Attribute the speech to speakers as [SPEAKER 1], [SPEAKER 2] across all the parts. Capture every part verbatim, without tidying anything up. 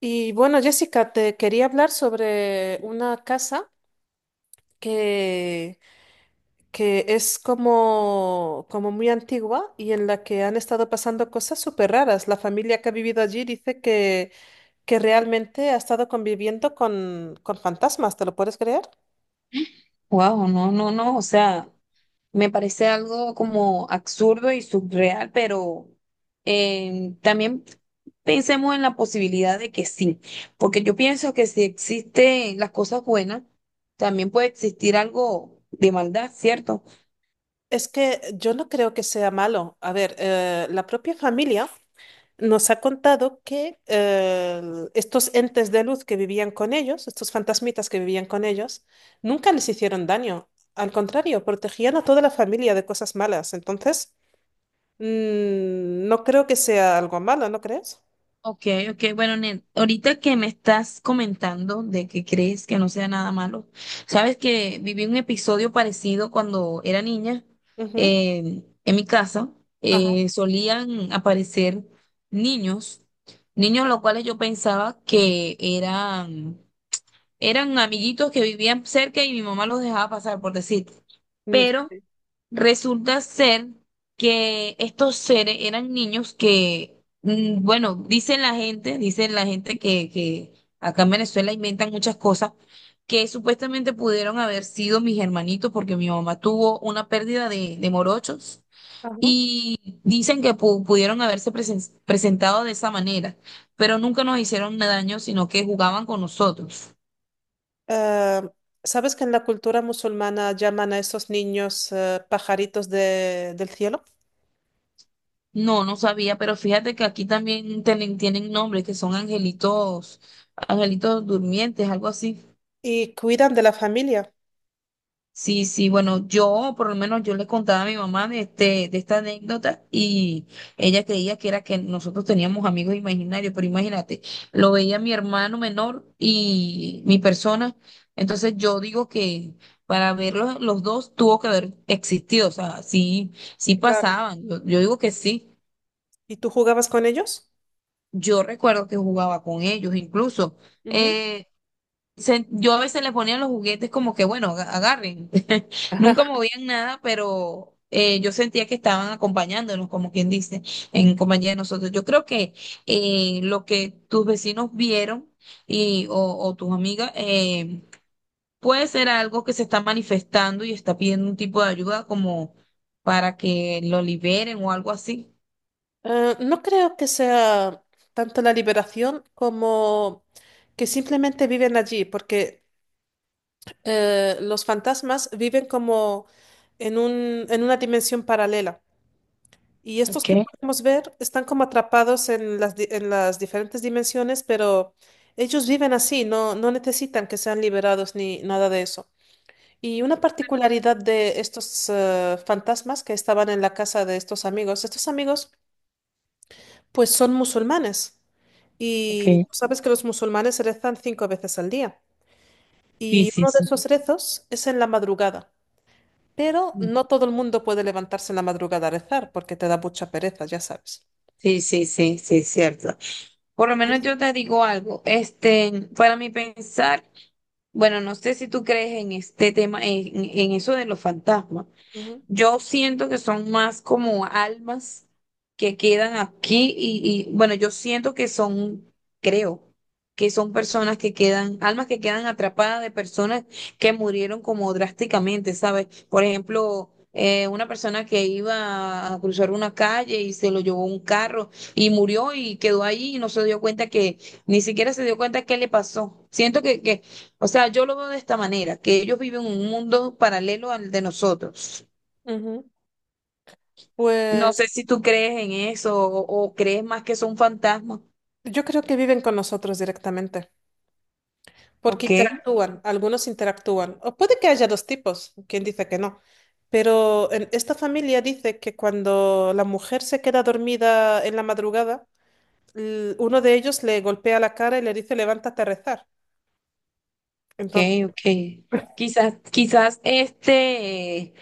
[SPEAKER 1] Y bueno, Jessica, te quería hablar sobre una casa que, que es como, como muy antigua y en la que han estado pasando cosas súper raras. La familia que ha vivido allí dice que, que realmente ha estado conviviendo con, con fantasmas, ¿te lo puedes creer?
[SPEAKER 2] Wow, no, no, no, o sea, me parece algo como absurdo y surreal, pero eh, también pensemos en la posibilidad de que sí, porque yo pienso que si existen las cosas buenas, también puede existir algo de maldad, ¿cierto?
[SPEAKER 1] Es que yo no creo que sea malo. A ver, eh, la propia familia nos ha contado que eh, estos entes de luz que vivían con ellos, estos fantasmitas que vivían con ellos, nunca les hicieron daño. Al contrario, protegían a toda la familia de cosas malas. Entonces, mm, no creo que sea algo malo, ¿no crees?
[SPEAKER 2] Ok, ok, bueno, Nen, ahorita que me estás comentando de que crees que no sea nada malo, sabes que viví un episodio parecido cuando era niña,
[SPEAKER 1] Ujú.
[SPEAKER 2] eh, en mi casa,
[SPEAKER 1] Ajá.
[SPEAKER 2] eh, solían aparecer niños, niños los cuales yo pensaba que eran, eran amiguitos que vivían cerca y mi mamá los dejaba pasar, por decir,
[SPEAKER 1] Mm,
[SPEAKER 2] pero
[SPEAKER 1] sí.
[SPEAKER 2] resulta ser que estos seres eran niños que, mm, bueno, dicen la gente, dicen la gente que, que acá en Venezuela inventan muchas cosas, que supuestamente pudieron haber sido mis hermanitos porque mi mamá tuvo una pérdida de, de morochos
[SPEAKER 1] Ajá.
[SPEAKER 2] y dicen que pu- pudieron haberse presen- presentado de esa manera, pero nunca nos hicieron daño, sino que jugaban con nosotros.
[SPEAKER 1] Eh, ¿sabes que en la cultura musulmana llaman a esos niños eh, pajaritos de- del cielo?
[SPEAKER 2] No, no sabía, pero fíjate que aquí también tienen, tienen nombres que son angelitos, angelitos durmientes, algo así.
[SPEAKER 1] Y cuidan de la familia.
[SPEAKER 2] Sí, sí, bueno, yo por lo menos yo le contaba a mi mamá de este, de esta anécdota y ella creía que era que nosotros teníamos amigos imaginarios, pero imagínate, lo veía mi hermano menor y mi persona, entonces yo digo que para verlos los dos tuvo que haber existido, o sea, sí, sí
[SPEAKER 1] Claro.
[SPEAKER 2] pasaban, yo yo digo que sí.
[SPEAKER 1] ¿Y tú jugabas con ellos?
[SPEAKER 2] Yo recuerdo que jugaba con ellos, incluso.
[SPEAKER 1] Ujú.
[SPEAKER 2] eh, se- yo a veces les ponía los juguetes como que, bueno, aga- agarren. Nunca movían nada, pero eh, yo sentía que estaban acompañándonos, como quien dice, en compañía de nosotros. Yo creo que eh, lo que tus vecinos vieron y, o, o tus amigas eh, puede ser algo que se está manifestando y está pidiendo un tipo de ayuda como para que lo liberen o algo así.
[SPEAKER 1] Eh, no creo que sea tanto la liberación como que simplemente viven allí, porque eh, los fantasmas viven como en un, en una dimensión paralela. Y estos que
[SPEAKER 2] Okay,
[SPEAKER 1] podemos ver están como atrapados en las, di- en las diferentes dimensiones, pero ellos viven así, no, no necesitan que sean liberados ni nada de eso. Y una particularidad de estos eh, fantasmas que estaban en la casa de estos amigos, estos amigos pues son musulmanes y
[SPEAKER 2] okay.
[SPEAKER 1] tú sabes que los musulmanes rezan cinco veces al día
[SPEAKER 2] Sí,
[SPEAKER 1] y
[SPEAKER 2] sí,
[SPEAKER 1] uno de
[SPEAKER 2] sí.
[SPEAKER 1] esos rezos es en la madrugada, pero no todo el mundo puede levantarse en la madrugada a rezar porque te da mucha pereza, ya sabes.
[SPEAKER 2] Sí, sí, sí, sí, cierto. Por lo menos
[SPEAKER 1] Pues,
[SPEAKER 2] yo te digo algo, este, para mi pensar, bueno, no sé si tú crees en este tema, en, en eso de los fantasmas.
[SPEAKER 1] ujú,
[SPEAKER 2] Yo siento que son más como almas que quedan aquí y, y, bueno, yo siento que son, creo, que son personas que quedan, almas que quedan atrapadas de personas que murieron como drásticamente, ¿sabes? Por ejemplo, eh, una persona que iba a cruzar una calle y se lo llevó un carro y murió y quedó ahí y no se dio cuenta que, ni siquiera se dio cuenta qué le pasó. Siento que, que, o sea, yo lo veo de esta manera, que ellos viven un mundo paralelo al de nosotros.
[SPEAKER 1] ujú.
[SPEAKER 2] No
[SPEAKER 1] Pues
[SPEAKER 2] sé si tú crees en eso o, o crees más que son fantasmas.
[SPEAKER 1] yo creo que viven con nosotros directamente. Porque
[SPEAKER 2] Ok,
[SPEAKER 1] interactúan, algunos interactúan. O puede que haya dos tipos, quien dice que no. Pero en esta familia dice que cuando la mujer se queda dormida en la madrugada, l- uno de ellos le golpea la cara y le dice, levántate a rezar.
[SPEAKER 2] ok,
[SPEAKER 1] Entonces,
[SPEAKER 2] ok. Quizás, quizás este,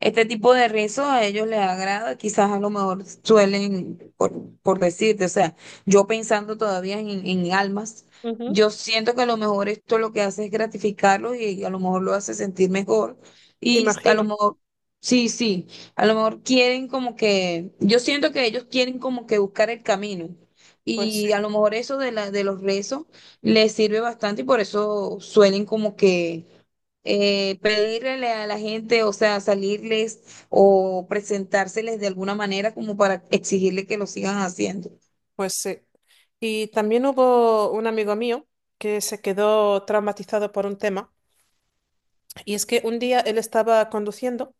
[SPEAKER 2] este tipo de rizo a ellos les agrada, quizás a lo mejor suelen, por, por decirte, o sea, yo pensando todavía en, en almas,
[SPEAKER 1] ujú,
[SPEAKER 2] yo siento que a lo mejor esto lo que hace es gratificarlos y a lo mejor lo hace sentir mejor y a lo
[SPEAKER 1] imagino,
[SPEAKER 2] mejor, sí, sí, a lo mejor quieren como que, yo siento que ellos quieren como que buscar el camino
[SPEAKER 1] pues
[SPEAKER 2] y
[SPEAKER 1] sí,
[SPEAKER 2] a lo mejor eso de la, de los rezos les sirve bastante y por eso suelen como que eh, pedirle a la gente, o sea, salirles o presentárseles de alguna manera como para exigirle que lo sigan haciendo.
[SPEAKER 1] pues sí. Y también hubo un amigo mío que se quedó traumatizado por un tema. Y es que un día él estaba conduciendo.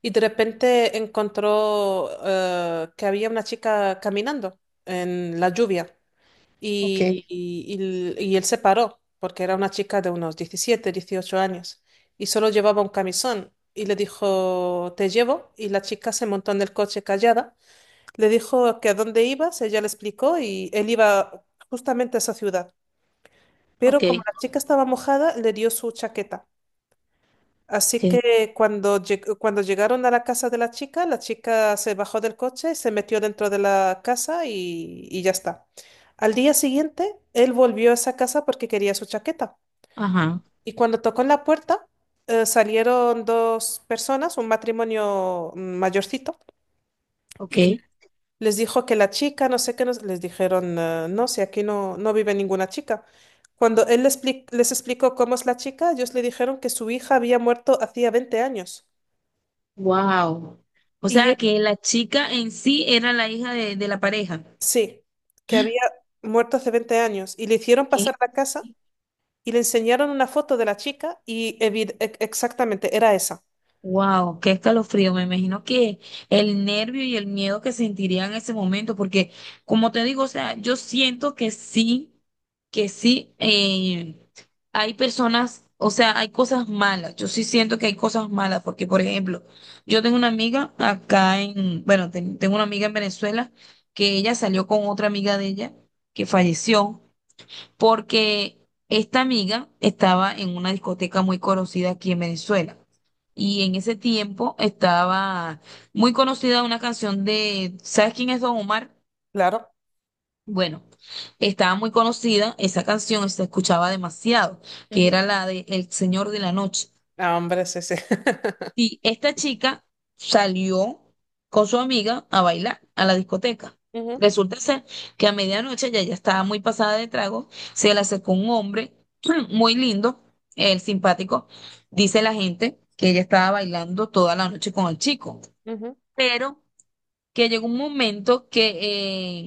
[SPEAKER 1] Y de repente encontró eh, que había una chica caminando en la lluvia
[SPEAKER 2] Ok,
[SPEAKER 1] y, y- y- y él se paró porque era una chica de unos diecisiete, dieciocho años y solo llevaba un camisón y le dijo, te llevo y la chica se montó en el coche callada, le dijo que a dónde ibas, ella le explicó y él iba justamente a esa ciudad. Pero
[SPEAKER 2] ok,
[SPEAKER 1] como la chica estaba mojada, le dio su chaqueta. Así
[SPEAKER 2] ok,
[SPEAKER 1] que cuando, lleg- cuando llegaron a la casa de la chica, la chica se bajó del coche, se metió dentro de la casa y, y ya está. Al día siguiente, él volvió a esa casa porque quería su chaqueta.
[SPEAKER 2] ajá,
[SPEAKER 1] Y cuando tocó en la puerta, eh, salieron dos personas, un matrimonio mm, mayorcito,
[SPEAKER 2] ok,
[SPEAKER 1] y les dijo que la chica, no sé qué, nos- les dijeron, eh, no, si aquí no, no vive ninguna chica. Cuando él les, expli- les explicó cómo es la chica, ellos le dijeron que su hija había muerto hacía veinte años.
[SPEAKER 2] wow. O
[SPEAKER 1] Y
[SPEAKER 2] sea, que la chica en sí era la hija de, de la pareja.
[SPEAKER 1] sí, que había muerto hace veinte años y le hicieron
[SPEAKER 2] ¿Qué?
[SPEAKER 1] pasar a la casa y le enseñaron una foto de la chica y evi- e- exactamente era esa.
[SPEAKER 2] Wow, qué escalofrío. Me imagino que el nervio y el miedo que sentiría en ese momento, porque como te digo, o sea, yo siento que sí, que sí, eh, hay personas, o sea, hay cosas malas. Yo sí siento que hay cosas malas, porque por ejemplo, yo tengo una amiga acá en, bueno, ten- tengo una amiga en Venezuela que ella salió con otra amiga de ella que falleció porque esta amiga estaba en una discoteca muy conocida aquí en Venezuela. Y en ese tiempo estaba muy conocida una canción de, ¿sabes quién es Don Omar?
[SPEAKER 1] Claro.
[SPEAKER 2] Bueno, estaba muy conocida esa canción, se escuchaba demasiado, que
[SPEAKER 1] Ujú.
[SPEAKER 2] era la de El Señor de la Noche.
[SPEAKER 1] Ah, hombre, sí, sí.
[SPEAKER 2] Y esta chica salió con su amiga a bailar a la discoteca.
[SPEAKER 1] Ujú,
[SPEAKER 2] Resulta ser que a medianoche ya ya estaba muy pasada de trago, se le acercó un hombre muy lindo, el simpático. Dice la gente que ella estaba bailando toda la noche con el chico,
[SPEAKER 1] ujú.
[SPEAKER 2] pero que llegó un momento que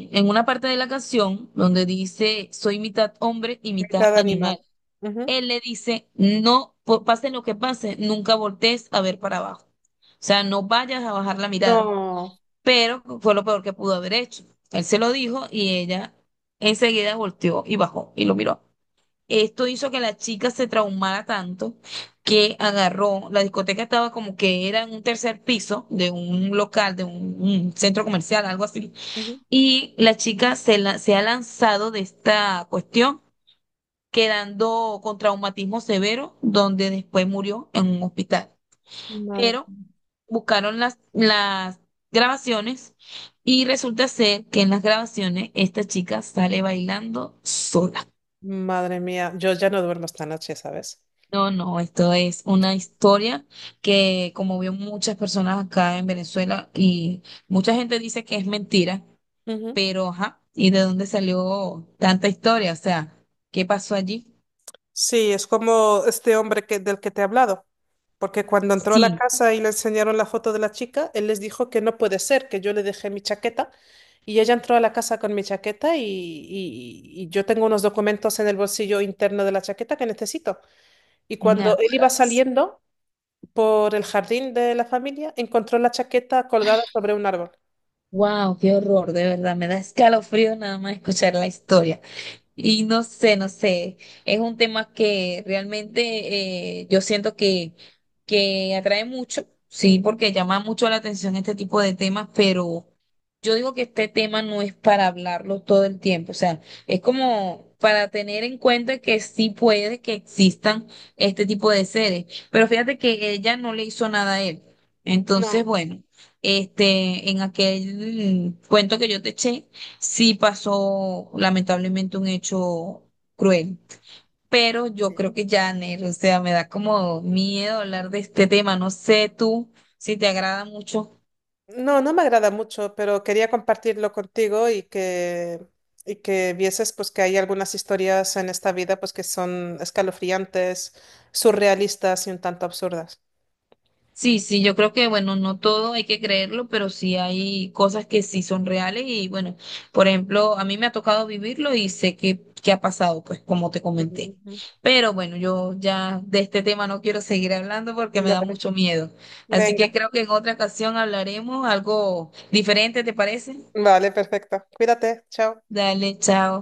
[SPEAKER 2] eh, en una parte de la canción donde dice soy mitad hombre y mitad
[SPEAKER 1] Mitad
[SPEAKER 2] animal.
[SPEAKER 1] animal. Ujú.
[SPEAKER 2] Él le dice, no, po- pase lo que pase, nunca voltees a ver para abajo. O sea, no vayas a bajar la mirada.
[SPEAKER 1] No.
[SPEAKER 2] Pero fue lo peor que pudo haber hecho. Él se lo dijo y ella enseguida volteó y bajó y lo miró. Esto hizo que la chica se traumara tanto que agarró, la discoteca estaba como que era en un tercer piso de un local, de un, un centro comercial, algo así.
[SPEAKER 1] Ujú.
[SPEAKER 2] Y la chica se, la- se ha lanzado de esta cuestión quedando con traumatismo severo, donde después murió en un hospital.
[SPEAKER 1] Madre.
[SPEAKER 2] Pero buscaron las, las grabaciones y resulta ser que en las grabaciones esta chica sale bailando sola.
[SPEAKER 1] Madre mía, yo ya no duermo esta noche, ¿sabes?
[SPEAKER 2] No, no, esto es una historia que como vio muchas personas acá en Venezuela y mucha gente dice que es mentira,
[SPEAKER 1] Ujú.
[SPEAKER 2] pero ajá, ¿y de dónde salió tanta historia? O sea, ¿qué pasó allí?
[SPEAKER 1] Sí, es como este hombre que, del que te he hablado. Porque cuando entró a la
[SPEAKER 2] Sí,
[SPEAKER 1] casa y le enseñaron la foto de la chica, él les dijo que no puede ser, que yo le dejé mi chaqueta. Y ella entró a la casa con mi chaqueta y, y- y yo tengo unos documentos en el bolsillo interno de la chaqueta que necesito. Y cuando
[SPEAKER 2] nada.
[SPEAKER 1] él iba saliendo por el jardín de la familia, encontró la chaqueta colgada sobre un árbol.
[SPEAKER 2] Wow, qué horror, de verdad, me da escalofrío nada más escuchar la historia. Y no sé, no sé, es un tema que realmente eh, yo siento que, que atrae mucho, sí,
[SPEAKER 1] Ujú.
[SPEAKER 2] porque llama mucho la atención este tipo de temas, pero yo digo que este tema no es para hablarlo todo el tiempo, o sea, es como para tener en cuenta que sí puede que existan este tipo de seres, pero fíjate que ella no le hizo nada a él. Entonces,
[SPEAKER 1] No.
[SPEAKER 2] bueno, este, en aquel cuento que yo te eché sí pasó lamentablemente un hecho cruel. Pero yo creo que ya, Ner, o sea, me da como miedo hablar de este tema. No sé tú si te agrada mucho.
[SPEAKER 1] No, no me agrada mucho, pero quería compartirlo contigo y que, y que vieses pues que hay algunas historias en esta vida pues que son escalofriantes, surrealistas y un tanto absurdas.
[SPEAKER 2] Sí, sí, yo creo que, bueno, no todo hay que creerlo, pero sí hay cosas que sí son reales y, bueno, por ejemplo, a mí me ha tocado vivirlo y sé que, que ha pasado, pues, como te comenté.
[SPEAKER 1] Ujú.
[SPEAKER 2] Pero bueno, yo ya de este tema no quiero seguir hablando porque me da
[SPEAKER 1] Vale.
[SPEAKER 2] mucho miedo. Así que
[SPEAKER 1] Venga.
[SPEAKER 2] creo que en otra ocasión hablaremos algo diferente, ¿te parece?
[SPEAKER 1] Vale, perfecto. Cuídate, chao.
[SPEAKER 2] Dale, chao.